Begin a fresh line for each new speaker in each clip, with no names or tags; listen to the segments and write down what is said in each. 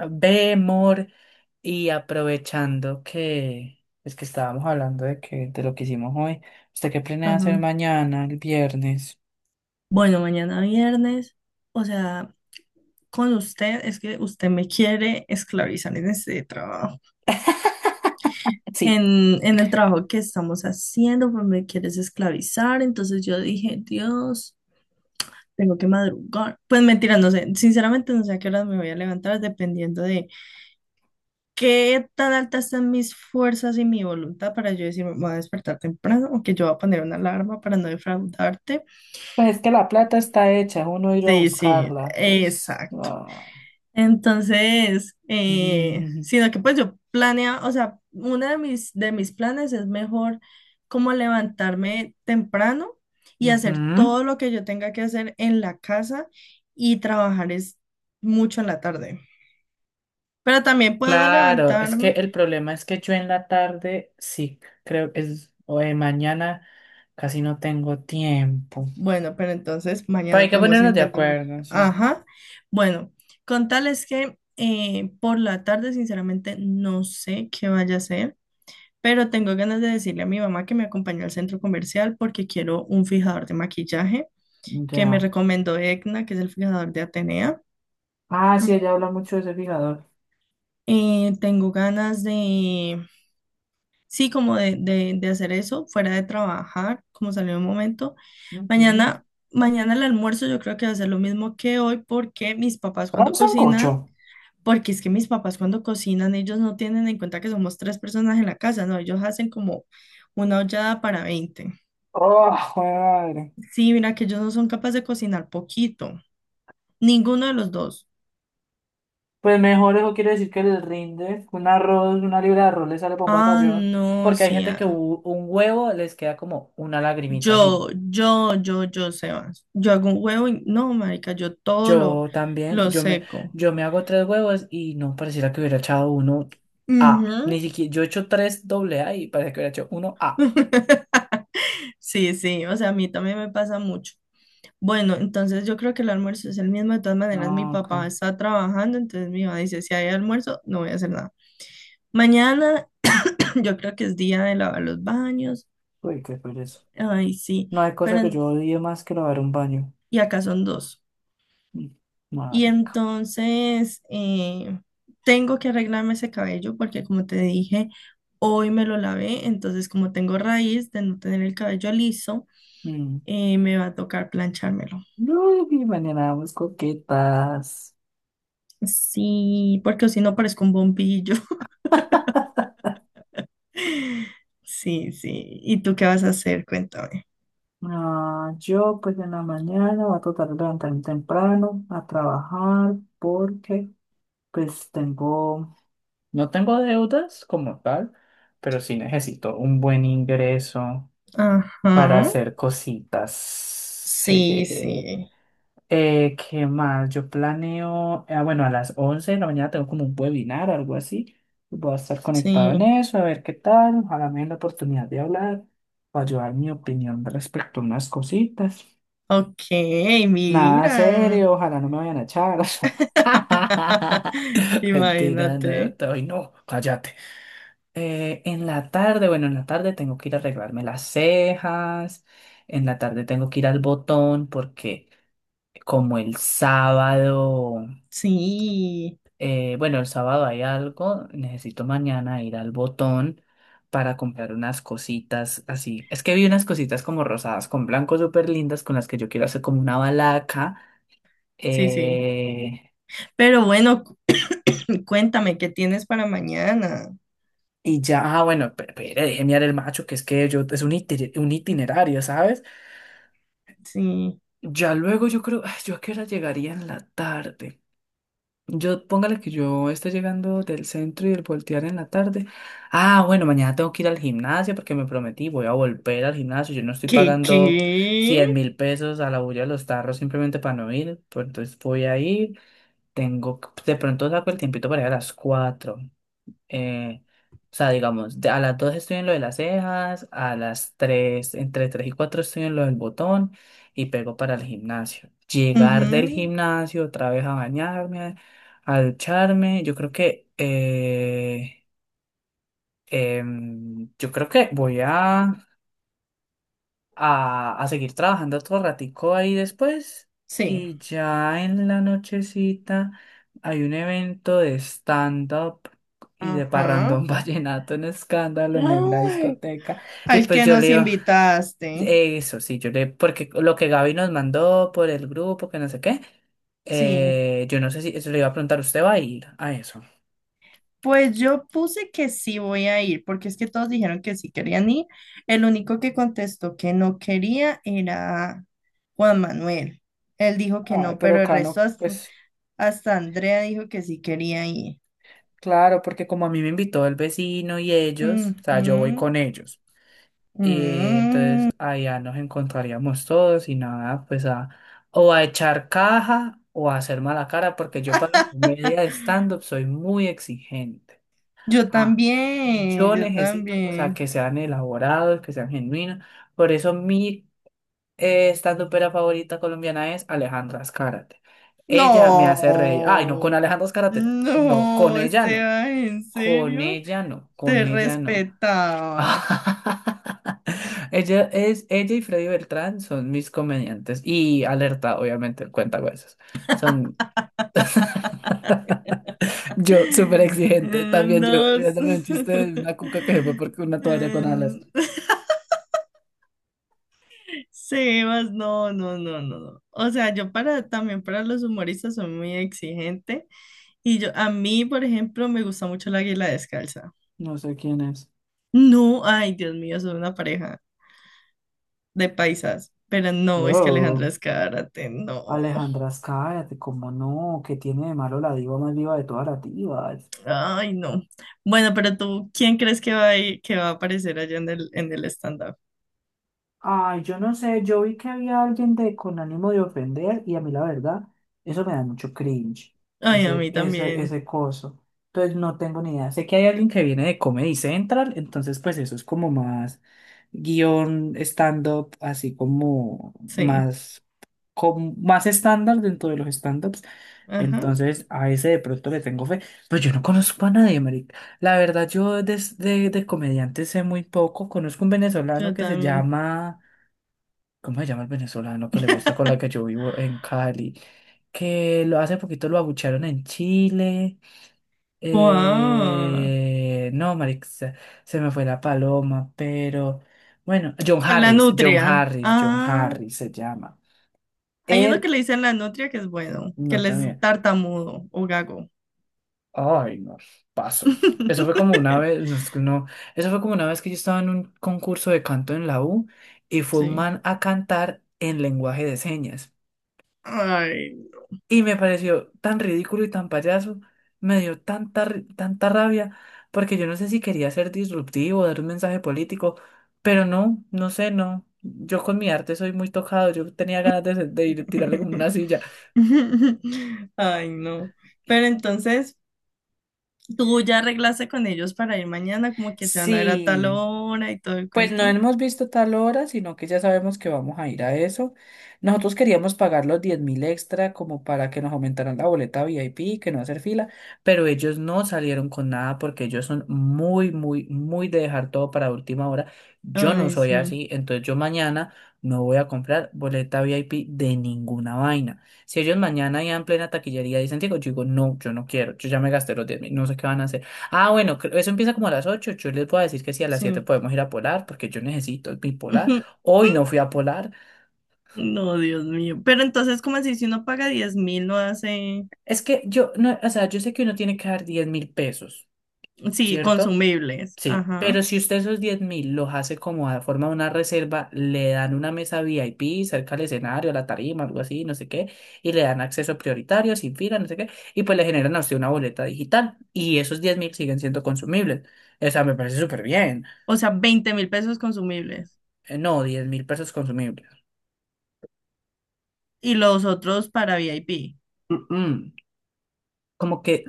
Ve, amor, y aprovechando que es que estábamos hablando de lo que hicimos hoy, ¿usted qué planea hacer
Ajá.
mañana, el viernes?
Bueno, mañana viernes, o sea, con usted es que usted me quiere esclavizar en este trabajo,
Sí,
en el trabajo que estamos haciendo, pues me quieres esclavizar, entonces yo dije, Dios, tengo que madrugar. Pues mentira, no sé, sinceramente no sé a qué horas me voy a levantar, dependiendo de qué tan altas están mis fuerzas y mi voluntad para yo decir, me voy a despertar temprano o que yo voy a poner una alarma para no defraudarte.
pues es que la plata está hecha, uno ir a
Sí, sí,
buscarla. Eso es-
exacto.
ah.
Entonces, sino que pues yo planeaba, o sea, uno de mis planes es mejor como levantarme temprano y hacer
Ujú.
todo lo que yo tenga que hacer en la casa y trabajar es mucho en la tarde. Pero también puedo
Claro, es que
levantarme.
el problema es que yo en la tarde, sí, creo que es, o de mañana casi no tengo tiempo.
Bueno, pero entonces
Pero hay
mañana
que
podemos
ponernos de
intentar.
acuerdo, sí.
Ajá. Bueno, con tal es que por la tarde, sinceramente, no sé qué vaya a hacer. Pero tengo ganas de decirle a mi mamá que me acompañe al centro comercial porque quiero un fijador de maquillaje que me
Ya.
recomendó Egna, que es el fijador de Atenea.
Ah, sí,
Mm.
ella habla mucho de ese fijador.
Tengo ganas de, sí, como de hacer eso fuera de trabajar, como salió un momento.
Ujú.
Mañana, mañana el almuerzo yo creo que va a ser lo mismo que hoy porque mis papás
Trae un
cuando
sancocho.
cocinan, porque es que mis papás cuando cocinan ellos no tienen en cuenta que somos tres personas en la casa, no, ellos hacen como una ollada para 20.
Oh, madre.
Sí, mira que ellos no son capaces de cocinar poquito. Ninguno de los dos.
Pues mejor eso quiere decir que les rinde, un arroz, una libra de arroz le sale por un
Ah,
batallón,
no,
porque hay
sí.
gente que
Ah.
un huevo les queda como una lagrimita, así.
Yo, Sebas. Yo hago un huevo y no, marica, yo todo lo,
Yo también,
lo seco.
yo me hago tres huevos y no pareciera que hubiera echado uno A.
Ujú.
Ni siquiera, yo he hecho tres doble A y parece que hubiera hecho uno A.
Sí, sí, o sea, a mí también me pasa mucho. Bueno, entonces yo creo que el almuerzo es el mismo. De todas maneras, mi
Ah, ok.
papá está trabajando, entonces mi mamá dice, si hay almuerzo, no voy a hacer nada. Mañana yo creo que es día de lavar los baños.
Uy, qué pereza.
Ay, sí,
No hay cosa
pero
que yo odie más que lavar un baño.
y acá son dos.
Mm.
Y
Marica.
entonces eh, tengo que arreglarme ese cabello porque como te dije, hoy me lo lavé, entonces como tengo raíz de no tener el cabello liso,
Mm.
me va a tocar planchármelo.
No, y mañana vamos coquetas.
Sí, porque si no parezco un bombillo. Sí, sí. ¿Y tú qué vas a hacer? Cuéntame.
No, yo pues en la mañana voy a tratar de levantarme temprano a trabajar porque pues tengo, no tengo deudas como tal, pero sí necesito un buen ingreso para
Ajá.
hacer cositas.
Sí, sí,
¿Qué más? Yo planeo, bueno, a las 11 de la mañana tengo como un webinar o algo así. Voy a estar
sí.
conectado en eso, a ver qué tal. Ojalá me den la oportunidad de hablar o ayudar mi opinión respecto a unas cositas.
Ok,
Nada
mira.
serio, ojalá no me vayan a echar. Mentira, no,
Imagínate.
ay, no, cállate. En la tarde, bueno, en la tarde tengo que ir a arreglarme las cejas, en la tarde tengo que ir al botón porque como el sábado...
Sí,
Bueno, el sábado hay algo. Necesito mañana ir al Botón para comprar unas cositas así. Es que vi unas cositas como rosadas con blanco súper lindas con las que yo quiero hacer como una balaca.
sí, sí.
eh,
Pero bueno, cu- cuéntame, ¿qué tienes para mañana?
y ya, bueno, pero déjeme dar el macho, que es que yo es un itinerario, ¿sabes?
Sí.
Ya luego yo creo, ay, yo a qué hora llegaría en la tarde. Yo, póngale que yo esté llegando del centro y el voltear en la tarde. Ah, bueno, mañana tengo que ir al gimnasio porque me prometí, voy a volver al gimnasio. Yo no estoy
¿Qué,
pagando cien
qué?
mil pesos a la bulla de los tarros simplemente para no ir. Pues entonces voy a ir. De pronto saco el tiempito para ir a las 4. eh, o sea, digamos, a las 2 estoy en lo de las cejas, a las 3, entre 3 y 4 estoy en lo del botón y pego para el gimnasio. Llegar del
Ujú.
gimnasio otra vez a bañarme, a ducharme, yo creo que voy a seguir trabajando otro ratico ahí después.
Sí.
Y ya en la nochecita hay un evento de stand-up y de
Ajá.
parrandón vallenato en escándalo en la
Ay,
discoteca. Y
al
pues
que
yo le
nos
digo,
invitaste.
eso sí, yo le, porque lo que Gaby nos mandó por el grupo, que no sé qué,
Sí.
yo no sé si eso le iba a preguntar, ¿usted va a ir a eso?
Pues yo puse que sí voy a ir, porque es que todos dijeron que sí querían ir. El único que contestó que no quería era Juan Manuel. Él dijo que
Ay,
no,
pero
pero el resto
Cano,
hasta,
pues
hasta Andrea dijo que sí quería ir.
claro, porque como a mí me invitó el vecino y ellos, o sea, yo voy
Ujú.
con ellos. Y entonces
Mm.
allá nos encontraríamos todos y nada, pues a o a echar caja o a hacer mala cara, porque yo para la comedia de stand-up soy muy exigente.
Yo
Ah,
también,
yo
yo
necesito, o sea,
también.
que sean elaborados, que sean genuinos. Por eso mi stand-upera favorita colombiana es Alejandra Azcárate. Ella me hace reír. Ay, no, con
No,
Alejandra Azcárate no. No, con
no,
ella no.
Esteban, ¿en
Con
serio?
ella no. Con
Te
ella no.
respetaba.
Ella es ella y Freddy Beltrán son mis comediantes, y Alerta, obviamente, el cuentacuentos. Son yo súper exigente, también yo
No, s-
riéndome de un chiste de una cuca que se fue porque una toalla con alas.
em, Sebas, no, no, no, no, no. O sea, yo para también para los humoristas soy muy exigente y yo a mí, por ejemplo, me gusta mucho la Águila Descalza.
No sé quién es.
No, ay, Dios mío, son una pareja de paisas, pero no, es que Alejandra
Oh,
Escárate, no.
Alejandra, cállate, cómo no, que tiene de malo la diva más viva de todas las divas.
Ay, no. Bueno, pero tú, ¿quién crees que va a aparecer allá en el stand-up?
Ay, yo no sé, yo vi que había alguien de con ánimo de ofender y a mí la verdad, eso me da mucho cringe,
Ay, a
ese,
mí
ese,
también.
ese coso. Entonces no tengo ni idea. Sé que hay alguien que viene de Comedy Central, entonces pues eso es como más guión stand-up, así como
Sí.
más, más estándar dentro de los stand-ups.
Ajá.
Entonces a ese de pronto le tengo fe, pero yo no conozco a nadie, marica. La verdad, yo de comediantes sé muy poco. Conozco un venezolano
Yo
que se
también.
llama... ¿Cómo se llama el venezolano que le gusta con la que yo vivo en Cali? Que lo hace poquito lo abuchearon en Chile.
¿Cuál?
No, marica, se me fue la paloma, pero bueno, John
¿Cuál? La
Harris, John
nutria.
Harris, John
Ah,
Harris se llama.
hay uno que
Él,
le dicen la nutria que es bueno, que
no
él es
también.
tartamudo o gago.
Ay, no, paso. Eso fue como una vez, no, es que no, eso fue como una vez que yo estaba en un concurso de canto en la U y fue un
Sí.
man a cantar en lenguaje de señas.
Ay.
Y me pareció tan ridículo y tan payaso, me dio tanta rabia, porque yo no sé si quería ser disruptivo, dar un mensaje político, pero no, no sé, no. Yo con mi arte soy muy tocado, yo tenía ganas de, de ir, tirarle como una silla.
Ay, no.
Y-
Pero entonces, ¿tú ya arreglaste con ellos para ir mañana? Como que se van a ver a tal
Sí.
hora y todo el
Pues no
cuento.
hemos visto tal hora, sino que ya sabemos que vamos a ir a eso. Nosotros queríamos pagar los 10.000 extra como para que nos aumentaran la boleta VIP, que no hacer fila, pero ellos no salieron con nada porque ellos son muy, muy, muy de dejar todo para última hora. Yo no
Ay,
soy
sí,
así, entonces yo mañana no voy a comprar boleta VIP de ninguna vaina. Si ellos mañana ya en plena taquillería dicen, digo, yo digo, no, yo no quiero, yo ya me gasté los 10.000, no sé qué van a hacer. Ah, bueno, eso empieza como a las 8. Yo les voy a decir que sí, a las 7
sí.
podemos ir a Polar, porque yo necesito mi Polar. Hoy no fui a Polar.
No, Dios mío. Pero entonces, ¿cómo así? Si uno paga 10.000, no hace,
Es que yo, no, o sea, yo sé que uno tiene que dar 10.000 pesos,
sí,
¿cierto?
consumibles.
Sí,
Ajá.
pero si usted esos 10.000 los hace como a forma de una reserva, le dan una mesa VIP cerca al escenario, a la tarima, algo así, no sé qué, y le dan acceso prioritario, sin fila, no sé qué, y pues le generan a usted una boleta digital, y esos 10 mil siguen siendo consumibles. O sea, me parece súper bien.
O sea, 20.000 pesos consumibles.
No, 10.000 pesos consumibles.
Y los otros para VIP.
Mm, mm. Como que,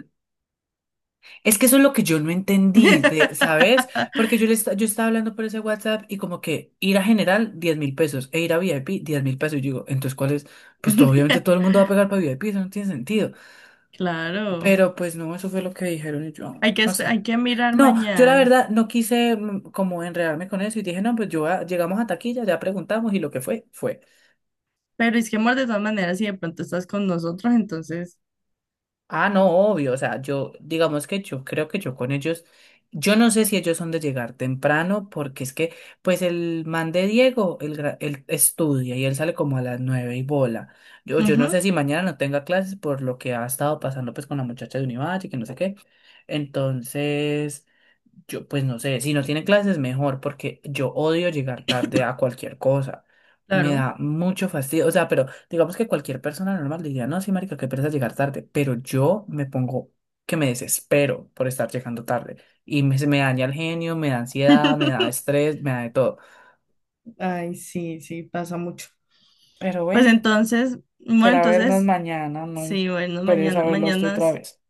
es que eso es lo que yo no entendí, ¿sabes? Porque yo estaba hablando por ese WhatsApp y como que ir a general 10.000 pesos e ir a VIP 10.000 pesos. Y yo digo, entonces, ¿cuál es? Pues obviamente todo el mundo va a pegar para VIP, eso no tiene sentido.
Claro.
Pero pues no, eso fue lo que dijeron y yo,
Hay que,
no sé.
hay que mirar
No, yo la
mañana.
verdad no quise como enredarme con eso y dije, no, pues llegamos a taquilla, ya preguntamos y lo que fue, fue.
Pero es que, amor, de todas maneras, si de pronto estás con nosotros, entonces,
Ah, no, obvio, o sea, yo, digamos que yo creo que yo con ellos, yo no sé si ellos son de llegar temprano, porque es que, pues el man de Diego, él estudia y él sale como a las 9 y bola. Yo no
ujú,
sé si mañana no tenga clases por lo que ha estado pasando pues con la muchacha de Univalle, que no sé qué. Entonces... Yo, pues no sé, si no tiene clases, mejor, porque yo odio llegar tarde a cualquier cosa. Me
claro.
da mucho fastidio. O sea, pero digamos que cualquier persona normal diría, no, sí, marica, qué pereza llegar tarde. Pero yo me pongo que me desespero por estar llegando tarde. Se me daña el genio, me da ansiedad, me da estrés, me da de todo.
Ay, sí, sí, pasa mucho.
Pero
Pues
bueno,
entonces, bueno,
será vernos
entonces
mañana, no
sí, bueno,
pereza verlo a usted otra vez.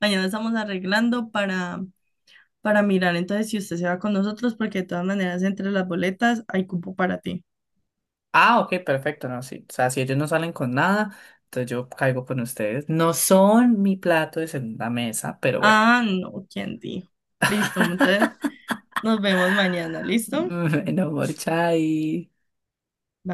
mañana estamos arreglando para mirar entonces si usted se va con nosotros, porque de todas maneras entre las boletas hay cupo para ti.
Ah, ok, perfecto, no, sí. O sea, si ellos no salen con nada, entonces yo caigo con ustedes. No son mi plato de segunda mesa, pero bueno.
Ah, no, ¿quién dijo? Listo, entonces nos vemos mañana, ¿listo?
No more chai.